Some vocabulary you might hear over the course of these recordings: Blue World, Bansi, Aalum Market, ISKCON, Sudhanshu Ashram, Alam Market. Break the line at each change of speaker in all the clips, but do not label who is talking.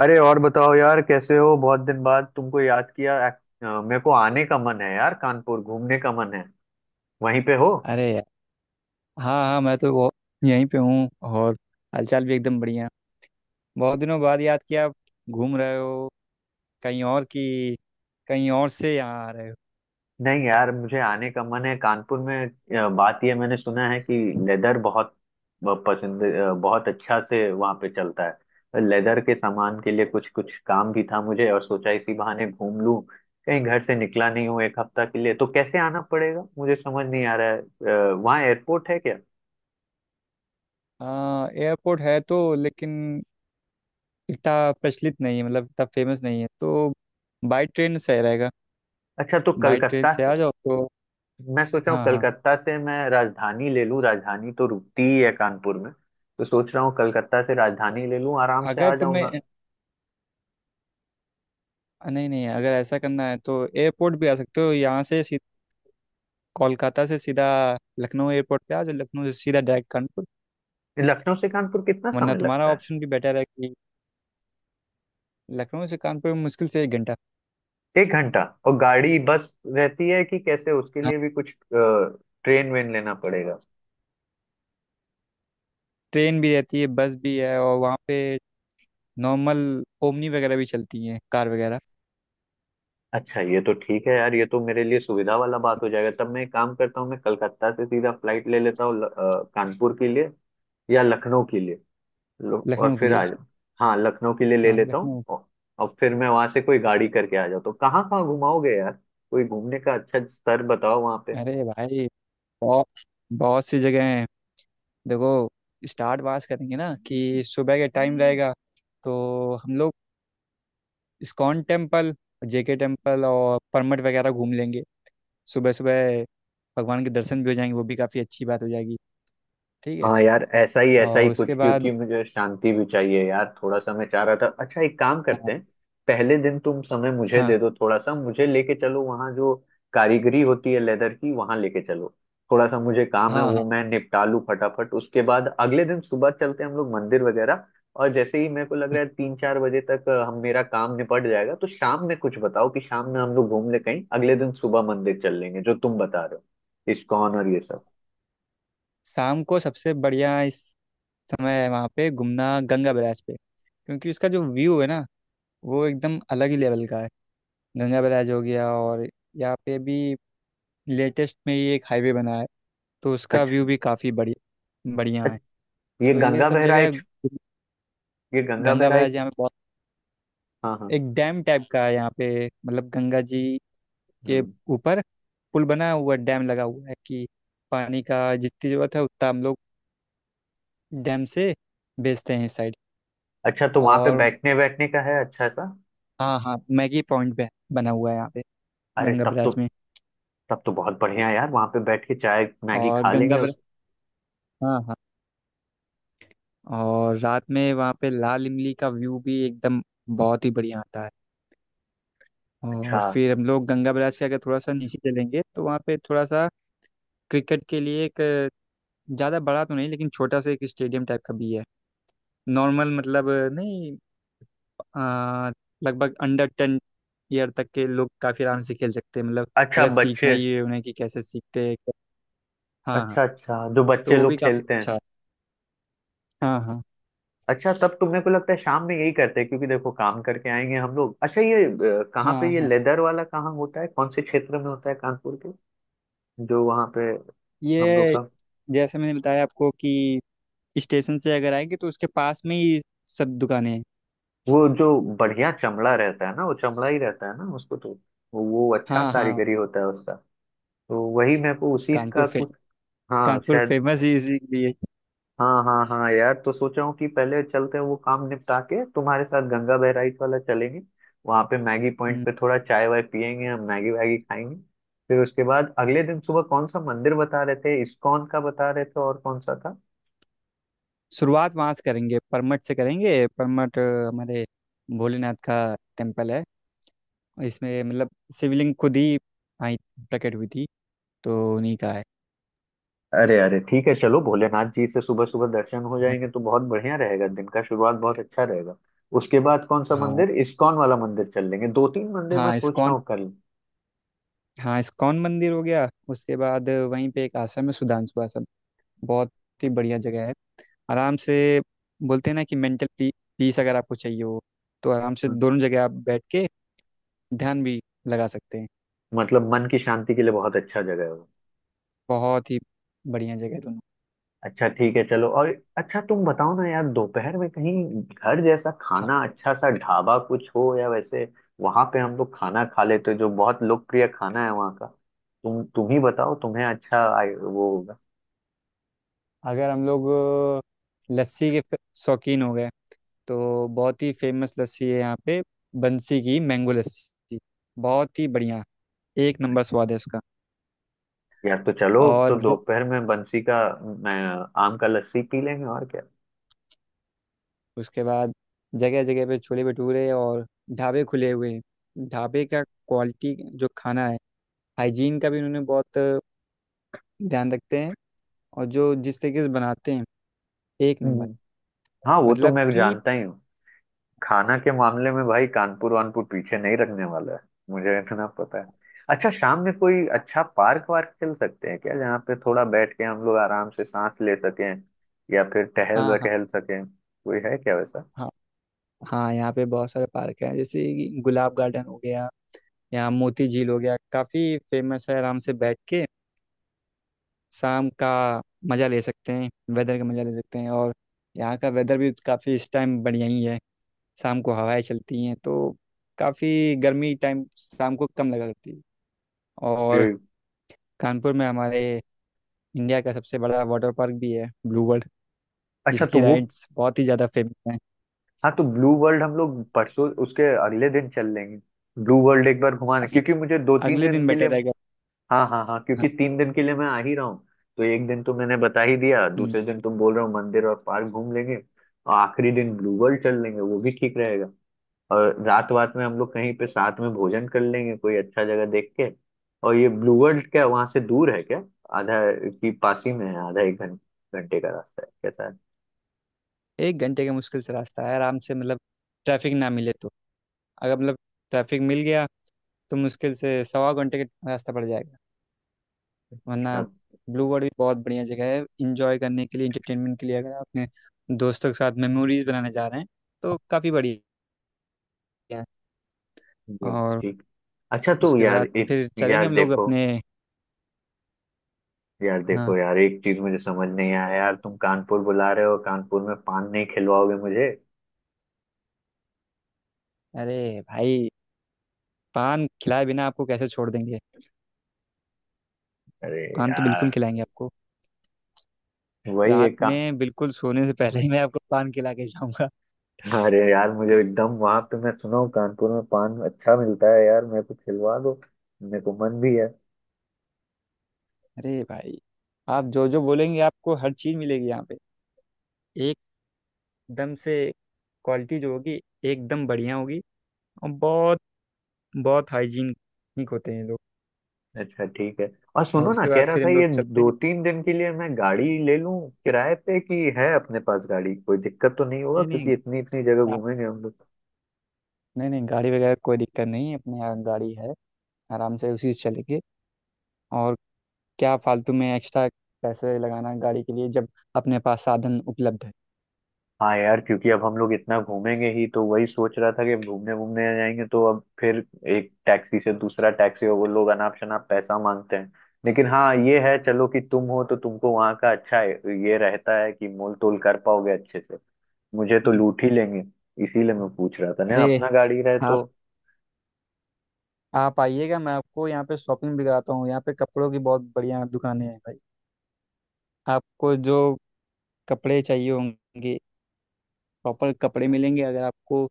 अरे और बताओ यार, कैसे हो? बहुत दिन बाद तुमको याद किया। मेरे को आने का मन है यार, कानपुर घूमने का मन है। वहीं पे हो?
अरे यार। हाँ हाँ, मैं तो वो यहीं पे हूँ। और हालचाल भी एकदम बढ़िया। बहुत दिनों बाद याद किया। घूम रहे हो? कहीं और की कहीं और से यहाँ आ रहे हो?
नहीं यार, मुझे आने का मन है कानपुर में। बात यह, मैंने सुना है कि लेदर बहुत पसंद, बहुत अच्छा से वहाँ पे चलता है। तो लेदर के सामान के लिए कुछ कुछ काम भी था मुझे, और सोचा इसी बहाने घूम लूं। कहीं घर से निकला नहीं हूँ एक हफ्ता के लिए, तो कैसे आना पड़ेगा मुझे समझ नहीं आ रहा है। वहाँ एयरपोर्ट है क्या?
हाँ एयरपोर्ट है तो, लेकिन इतना प्रचलित नहीं है, मतलब इतना फेमस नहीं है, तो बाई ट्रेन सही रहेगा।
अच्छा, तो
बाई ट्रेन
कलकत्ता।
से आ जाओ तो।
मैं सोच रहा हूँ
हाँ हाँ।
कलकत्ता से मैं राजधानी ले लूँ, राजधानी तो रुकती ही है कानपुर में। तो सोच रहा हूँ कलकत्ता से राजधानी ले लूँ, आराम से
अगर
आ जाऊंगा।
तुम्हें नहीं नहीं, अगर ऐसा करना है तो एयरपोर्ट भी आ सकते हो। यहाँ से सीध- कोलकाता से सीधा लखनऊ एयरपोर्ट पे आ जाओ। लखनऊ से सीधा डायरेक्ट कानपुर।
लखनऊ से कानपुर कितना
वरना
समय
तुम्हारा
लगता है?
ऑप्शन भी बेटर है। लखनऊ से कानपुर में मुश्किल से 1 घंटा।
1 घंटा। और गाड़ी बस रहती है कि कैसे, उसके
हाँ,
लिए भी कुछ ट्रेन वेन लेना पड़ेगा?
ट्रेन भी रहती है, बस भी है, और वहाँ पे नॉर्मल ओमनी वगैरह भी चलती हैं, कार वगैरह।
अच्छा, ये तो ठीक है यार, ये तो मेरे लिए सुविधा वाला बात हो जाएगा। तब मैं एक काम करता हूँ, मैं कलकत्ता से सीधा फ्लाइट ले लेता हूँ कानपुर के लिए, या लखनऊ के लिए लो, और
लखनऊ के
फिर
लिए,
आ
लखनऊ।
जाओ। हाँ, लखनऊ के लिए ले
हाँ
लेता हूँ
लखनऊ।
और फिर मैं वहां से कोई गाड़ी करके आ जाता हूँ। कहाँ कहाँ घुमाओगे यार? कोई घूमने का अच्छा स्तर बताओ वहां पे।
अरे भाई बहुत बहुत सी जगह हैं। देखो, स्टार्ट वहाँ से करेंगे ना कि सुबह के टाइम रहेगा, तो हम लोग इस्कॉन टेम्पल, जेके टेम्पल और परमट वगैरह घूम लेंगे। सुबह सुबह भगवान के दर्शन भी हो जाएंगे, वो भी काफ़ी अच्छी बात हो जाएगी। ठीक है।
हाँ यार, ऐसा ही
और
कुछ,
उसके
क्योंकि
बाद,
मुझे शांति भी चाहिए यार, थोड़ा सा मैं चाह रहा था। अच्छा, एक काम
हाँ
करते हैं, पहले दिन तुम समय मुझे
हाँ
दे दो, थोड़ा सा मुझे लेके चलो वहाँ जो कारीगरी होती है लेदर की, वहाँ लेके चलो। थोड़ा सा मुझे काम है, वो
हाँ,
मैं निपटा लूँ फटाफट, उसके बाद अगले दिन सुबह चलते हैं हम लोग मंदिर वगैरह। और जैसे ही मेरे को लग रहा है 3-4 बजे तक, हम, मेरा काम निपट जाएगा, तो शाम में कुछ बताओ कि शाम में हम लोग घूम ले कहीं, अगले दिन सुबह मंदिर चल लेंगे जो तुम बता रहे हो, इस्कॉन और ये सब।
शाम को सबसे बढ़िया इस समय है वहाँ पे घूमना, गंगा बैराज पे। क्योंकि उसका जो व्यू है ना, वो एकदम अलग ही लेवल का है। गंगा बैराज हो गया, और यहाँ पे भी लेटेस्ट में ही एक हाईवे बना है, तो उसका व्यू
अच्छा।
भी काफ़ी बढ़िया बढ़िया है।
अच्छा, ये
तो ये
गंगा
सब जगह,
बहराइच। ये गंगा
गंगा
बहराई।
बैराज यहाँ पे बहुत,
हाँ हाँ।
एक डैम टाइप का है यहाँ पे। मतलब गंगा जी के
हम्म।
ऊपर पुल बना हुआ, डैम लगा हुआ है कि पानी का जितनी ज़रूरत है उतना हम लोग डैम से बेचते हैं इस साइड।
अच्छा, तो वहां पे
और
बैठने बैठने का है अच्छा सा?
हाँ हाँ, मैगी पॉइंट पे बना हुआ है यहाँ पे,
अरे
गंगा
तब तो,
ब्रिज में।
तब तो बहुत बढ़िया यार। वहां पे बैठ के चाय मैगी
और
खा
गंगा
लेंगे
ब्रिज,
उस।
हाँ हाँ, और रात में वहाँ पे लाल इमली का व्यू भी एकदम बहुत ही बढ़िया आता है। और
अच्छा।
फिर हम लोग गंगा ब्रिज के अगर थोड़ा सा नीचे चलेंगे, तो वहाँ पे थोड़ा सा क्रिकेट के लिए एक, ज़्यादा बड़ा तो नहीं लेकिन छोटा सा एक स्टेडियम टाइप का भी है। नॉर्मल, मतलब नहीं, आ, लगभग अंडर 10 ईयर तक के लोग काफ़ी आराम से खेल सकते हैं, मतलब
अच्छा,
अगर सीखना
बच्चे।
ही है उन्हें कि कैसे सीखते हैं। हाँ हाँ,
अच्छा अच्छा, जो
तो
बच्चे
वो भी
लोग
काफ़ी
खेलते हैं।
अच्छा है। हाँ हाँ।
अच्छा, तब तो मेरे को लगता है शाम में यही करते हैं, क्योंकि देखो काम करके आएंगे हम लोग। अच्छा, ये कहाँ
हाँ
पे ये
हाँ।
लेदर वाला कहाँ होता है, कौन से क्षेत्र में होता है कानपुर के, जो वहाँ पे हम लोग
ये
का?
जैसे मैंने बताया आपको कि स्टेशन से अगर आएंगे तो उसके पास में ही सब दुकानें हैं।
वो जो बढ़िया चमड़ा रहता है ना, वो चमड़ा ही रहता है ना उसको? तो वो अच्छा
हाँ हाँ।
कारीगरी होता है उसका, तो वही मैं को उसी
कानपुर
का
फे
कुछ। हाँ
कानपुर
शायद।
फेमस ही इसीलिए।
हाँ हाँ हाँ यार, तो सोचा हूँ कि पहले चलते हैं, वो काम निपटा के तुम्हारे साथ गंगा बहराइच वाला चलेंगे। वहां पे मैगी पॉइंट
हम्म,
पे थोड़ा चाय वाय पियेंगे हम, मैगी वैगी खाएंगे। फिर उसके बाद अगले दिन सुबह कौन सा मंदिर बता रहे थे? इस्कॉन का बता रहे थे, और कौन सा था?
शुरुआत वहाँ से करेंगे, परमठ से करेंगे। परमठ हमारे भोलेनाथ का टेम्पल है। और इसमें मतलब शिवलिंग खुद ही आई, प्रकट हुई थी, तो उन्हीं का है।
अरे अरे, ठीक है चलो, भोलेनाथ जी से सुबह सुबह दर्शन हो
हाँ
जाएंगे तो बहुत बढ़िया रहेगा, दिन का शुरुआत बहुत अच्छा रहेगा। उसके बाद कौन सा
हाँ।
मंदिर, इस्कॉन वाला मंदिर चल लेंगे, 2-3 मंदिर मैं
हाँ,
सोच रहा
इस्कॉन,
हूँ कर लें।
हाँ इस्कॉन मंदिर हो गया। उसके बाद वहीं पे एक आश्रम है, सुधांशु आश्रम। बहुत ही बढ़िया जगह है। आराम से, बोलते हैं ना कि मेंटल पीस अगर आपको चाहिए हो, तो आराम से दोनों जगह आप बैठ के ध्यान भी लगा सकते हैं।
मतलब मन की शांति के लिए बहुत अच्छा जगह है वो।
बहुत ही बढ़िया जगह है दोनों।
अच्छा, ठीक है चलो। और अच्छा, तुम बताओ ना यार, दोपहर में कहीं घर जैसा
हाँ।
खाना अच्छा सा ढाबा कुछ हो, या वैसे वहां पे हम लोग खाना खा लेते हैं, जो बहुत लोकप्रिय खाना है वहाँ का। तुम ही बताओ, तुम्हें अच्छा वो होगा।
अगर हम लोग लस्सी के फ- शौकीन हो गए, तो बहुत ही फेमस लस्सी है यहाँ पे। बंसी की मैंगो लस्सी, बहुत ही बढ़िया, एक नंबर स्वाद है उसका।
यार तो चलो,
और
तो
ज-
दोपहर में बंसी का, मैं आम का लस्सी पी लेंगे, और क्या?
उसके बाद जगह जगह पे छोले भटूरे और ढाबे खुले हुए हैं। ढाबे का क्वालिटी जो खाना है, हाइजीन का भी उन्होंने बहुत ध्यान रखते हैं। और जो जिस तरीके से बनाते हैं, एक नंबर।
हम्म। हाँ, वो तो
मतलब
मैं
कि,
जानता ही हूँ। खाना के मामले में भाई कानपुर वानपुर पीछे नहीं रखने वाला है, मुझे इतना पता है। अच्छा, शाम में कोई अच्छा पार्क वार्क चल सकते हैं क्या, जहाँ पे थोड़ा बैठ के हम लोग आराम से सांस ले सकें, या फिर टहल
हाँ हाँ।
वहल सकें? कोई है क्या वैसा?
हाँ हाँ, यहाँ पे बहुत सारे पार्क हैं, जैसे कि गुलाब गार्डन हो गया, यहाँ मोती झील हो गया, काफ़ी फेमस है। आराम से बैठ के शाम का मज़ा ले सकते हैं, वेदर का मज़ा ले सकते हैं। और यहाँ का वेदर भी काफ़ी इस टाइम बढ़िया ही है। शाम को हवाएं चलती हैं तो काफ़ी गर्मी टाइम शाम को कम लगा करती है।
जी।
और कानपुर में हमारे इंडिया का सबसे बड़ा वाटर पार्क भी है, ब्लू वर्ल्ड,
अच्छा, तो
जिसकी
वो,
राइड्स बहुत ही ज़्यादा फेमस हैं।
हाँ, तो ब्लू वर्ल्ड हम लोग परसों उसके अगले दिन चल लेंगे, ब्लू वर्ल्ड एक बार घुमाने,
अगले
क्योंकि मुझे दो तीन
अगले
दिन
दिन
के लिए
बेटर रहेगा।
हाँ हाँ हाँ, क्योंकि
हाँ।
3 दिन के लिए मैं आ ही रहा हूँ। तो एक दिन तो मैंने बता ही दिया,
हम्म।
दूसरे दिन तुम बोल रहे हो मंदिर और पार्क घूम लेंगे, और आखिरी दिन ब्लू वर्ल्ड चल लेंगे, वो भी ठीक रहेगा। और रात वात में हम लोग कहीं पे साथ में भोजन कर लेंगे कोई अच्छा जगह देख के। और ये ब्लू वर्ल्ड क्या वहां से दूर है क्या? आधा की पास ही में है, आधा एक घंटे का रास्ता है, कैसा है?
1 घंटे का मुश्किल से रास्ता है। आराम से मतलब, ट्रैफिक ना मिले तो, अगर मतलब ट्रैफिक मिल गया तो मुश्किल से सवा घंटे का रास्ता पड़ जाएगा, वरना
ना-
ब्लू वर्ल्ड भी बहुत बढ़िया जगह है इंजॉय करने के लिए, इंटरटेनमेंट के लिए। अगर आप अपने दोस्तों के साथ मेमोरीज बनाने जा रहे हैं तो काफ़ी बढ़िया है।
जी।
और
ठीक। अच्छा, तो
उसके
यार
बाद
एक,
फिर चलेंगे
यार
हम लोग
देखो,
अपने।
यार
हाँ।
देखो यार, एक चीज मुझे समझ नहीं आया यार, तुम कानपुर बुला रहे हो, कानपुर में पान नहीं खिलवाओगे मुझे?
अरे भाई, पान खिलाए बिना आपको कैसे छोड़ देंगे।
अरे
पान तो बिल्कुल
यार,
खिलाएंगे आपको।
वही
रात
एक काम।
में बिल्कुल सोने से पहले ही मैं आपको पान खिला के जाऊंगा।
अरे यार, मुझे एकदम वहां पे, मैं सुना हूँ कानपुर में पान अच्छा मिलता है यार, मेरे को खिलवा दो, मेरे को मन भी है।
अरे भाई, आप जो जो बोलेंगे आपको हर चीज़ मिलेगी यहाँ पे, एकदम से। क्वालिटी जो होगी एकदम बढ़िया होगी। और बहुत बहुत हाइजीनिक होते हैं ये लोग।
अच्छा, ठीक है। और
और
सुनो ना,
उसके
कह
बाद
रहा
फिर
था
हम
ये,
लोग चलते हैं।
2-3 दिन के लिए मैं गाड़ी ले लूं किराए पे, कि है अपने पास गाड़ी? कोई दिक्कत तो नहीं होगा,
नहीं नहीं,
क्योंकि इतनी इतनी जगह
गा-
घूमेंगे हम लोग।
नहीं नहीं, गाड़ी वगैरह कोई दिक्कत नहीं है, अपने यहाँ गाड़ी है, आराम से उसी से चलेंगे। और क्या फालतू में एक्स्ट्रा पैसे लगाना गाड़ी के लिए जब अपने पास साधन उपलब्ध है।
हाँ यार, क्योंकि अब हम लोग इतना घूमेंगे ही, तो वही सोच रहा था कि घूमने घूमने जाएंगे, तो अब फिर एक टैक्सी से दूसरा टैक्सी, और वो लोग अनाप शनाप पैसा मांगते हैं। लेकिन हाँ ये है चलो, कि तुम हो तो तुमको वहाँ का अच्छा है, ये रहता है कि मोल तोल कर पाओगे अच्छे से, मुझे तो
हम्म।
लूट ही लेंगे, इसीलिए मैं पूछ रहा था ना
अरे
अपना गाड़ी रहे तो।
आप आप आइएगा, मैं आपको यहाँ पे शॉपिंग भी कराता हूँ। यहाँ पे कपड़ों की बहुत बढ़िया दुकानें हैं भाई। आपको जो कपड़े चाहिए होंगे, प्रॉपर कपड़े मिलेंगे। अगर आपको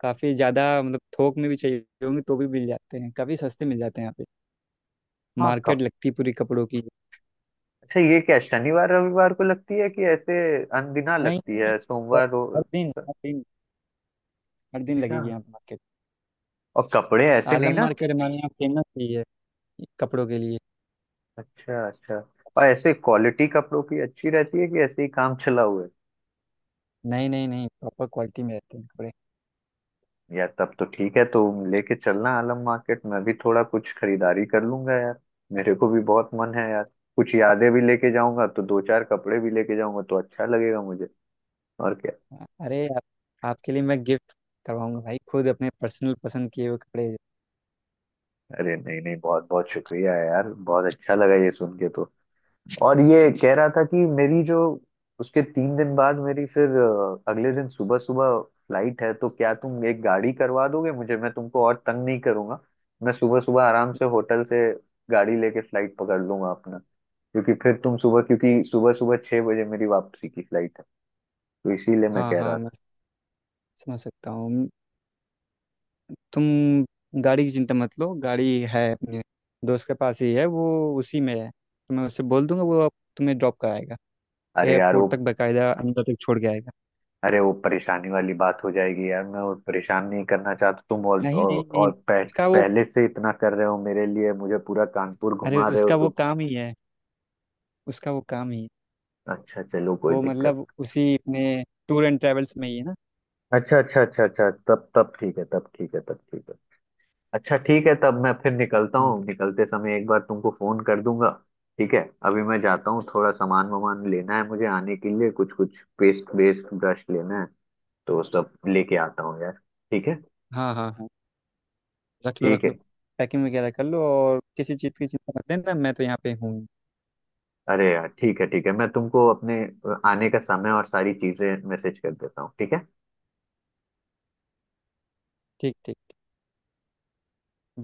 काफ़ी ज़्यादा मतलब थोक में भी चाहिए होंगे तो भी मिल जाते हैं, काफ़ी सस्ते मिल जाते हैं यहाँ पे,
हाँ
मार्केट
कब।
लगती है पूरी कपड़ों की।
अच्छा, ये क्या शनिवार रविवार को लगती है, कि ऐसे अनदिना
नहीं
लगती
नहीं, नहीं,
है?
तो
सोमवार
हर दिन, हर दिन, हर दिन
अच्छा।
लगेगी यहाँ पे मार्केट।
और कपड़े ऐसे नहीं
आलम
ना?
मार्केट हमारे यहाँ फेमस ही है कपड़ों के लिए।
अच्छा अच्छा। और ऐसे क्वालिटी कपड़ों की अच्छी रहती है, कि ऐसे ही काम चला हुआ है?
नहीं नहीं नहीं, प्रॉपर क्वालिटी में रहते हैं कपड़े।
यार तब तो ठीक है तो, लेके चलना आलम मार्केट, मैं भी थोड़ा कुछ खरीदारी कर लूंगा यार, मेरे को भी बहुत मन है यार। कुछ यादें भी लेके जाऊंगा, तो 2-4 कपड़े भी लेके जाऊंगा, तो अच्छा लगेगा मुझे। और क्या?
अरे आपके लिए मैं गिफ्ट करवाऊंगा भाई, खुद अपने पर्सनल पसंद किए हुए कपड़े।
अरे नहीं नहीं, बहुत बहुत शुक्रिया यार, बहुत अच्छा लगा ये सुन के तो। और ये कह रहा था, कि मेरी जो, उसके 3 दिन बाद मेरी फिर, अगले दिन सुबह सुबह फ्लाइट है, तो क्या तुम एक गाड़ी करवा दोगे मुझे? मैं तुमको और तंग नहीं करूंगा, मैं सुबह सुबह आराम से होटल से गाड़ी लेके फ्लाइट पकड़ लूंगा अपना, क्योंकि फिर तुम सुबह, क्योंकि सुबह सुबह 6 बजे मेरी वापसी की फ्लाइट है, तो इसीलिए मैं
हाँ
कह
हाँ,
रहा
मैं
था।
समझ सकता हूँ। तुम गाड़ी की चिंता मत लो, गाड़ी है अपने दोस्त के पास ही है, वो उसी में है तो मैं उससे बोल दूंगा, वो आप तुम्हें ड्रॉप कराएगा,
अरे यार वो,
एयरपोर्ट तक बकायदा अंदर तक छोड़ के आएगा।
अरे वो परेशानी वाली बात हो जाएगी यार, मैं और परेशान नहीं करना चाहता तुम, और
नहीं नहीं
और,
नहीं,
और पह,
उसका वो,
पहले से इतना कर रहे हो मेरे लिए, मुझे पूरा कानपुर
अरे
घुमा रहे हो
उसका वो
तुम।
काम ही है, उसका वो काम ही है।
अच्छा, चलो, कोई
वो
दिक्कत।
मतलब उसी अपने टूर एंड ट्रेवल्स में ही है ना।
अच्छा अच्छा अच्छा अच्छा, तब तब ठीक है, तब ठीक है, तब ठीक है। अच्छा, ठीक है, तब मैं फिर निकलता
हाँ
हूँ, निकलते समय एक बार तुमको फोन कर दूंगा, ठीक है। अभी मैं जाता हूँ, थोड़ा सामान वामान लेना है मुझे आने के लिए, कुछ कुछ पेस्ट वेस्ट ब्रश लेना है, तो सब लेके आता हूँ यार। ठीक है।
हाँ हाँ, रख लो
ठीक
रख
है।
लो, पैकिंग वगैरह कर लो। और किसी चीज़ की चिंता मत लेना, मैं तो यहाँ पे हूँ ही।
अरे यार ठीक है, ठीक है, मैं तुमको अपने आने का समय और सारी चीजें मैसेज कर देता हूँ, ठीक है।
ठीक ठीक।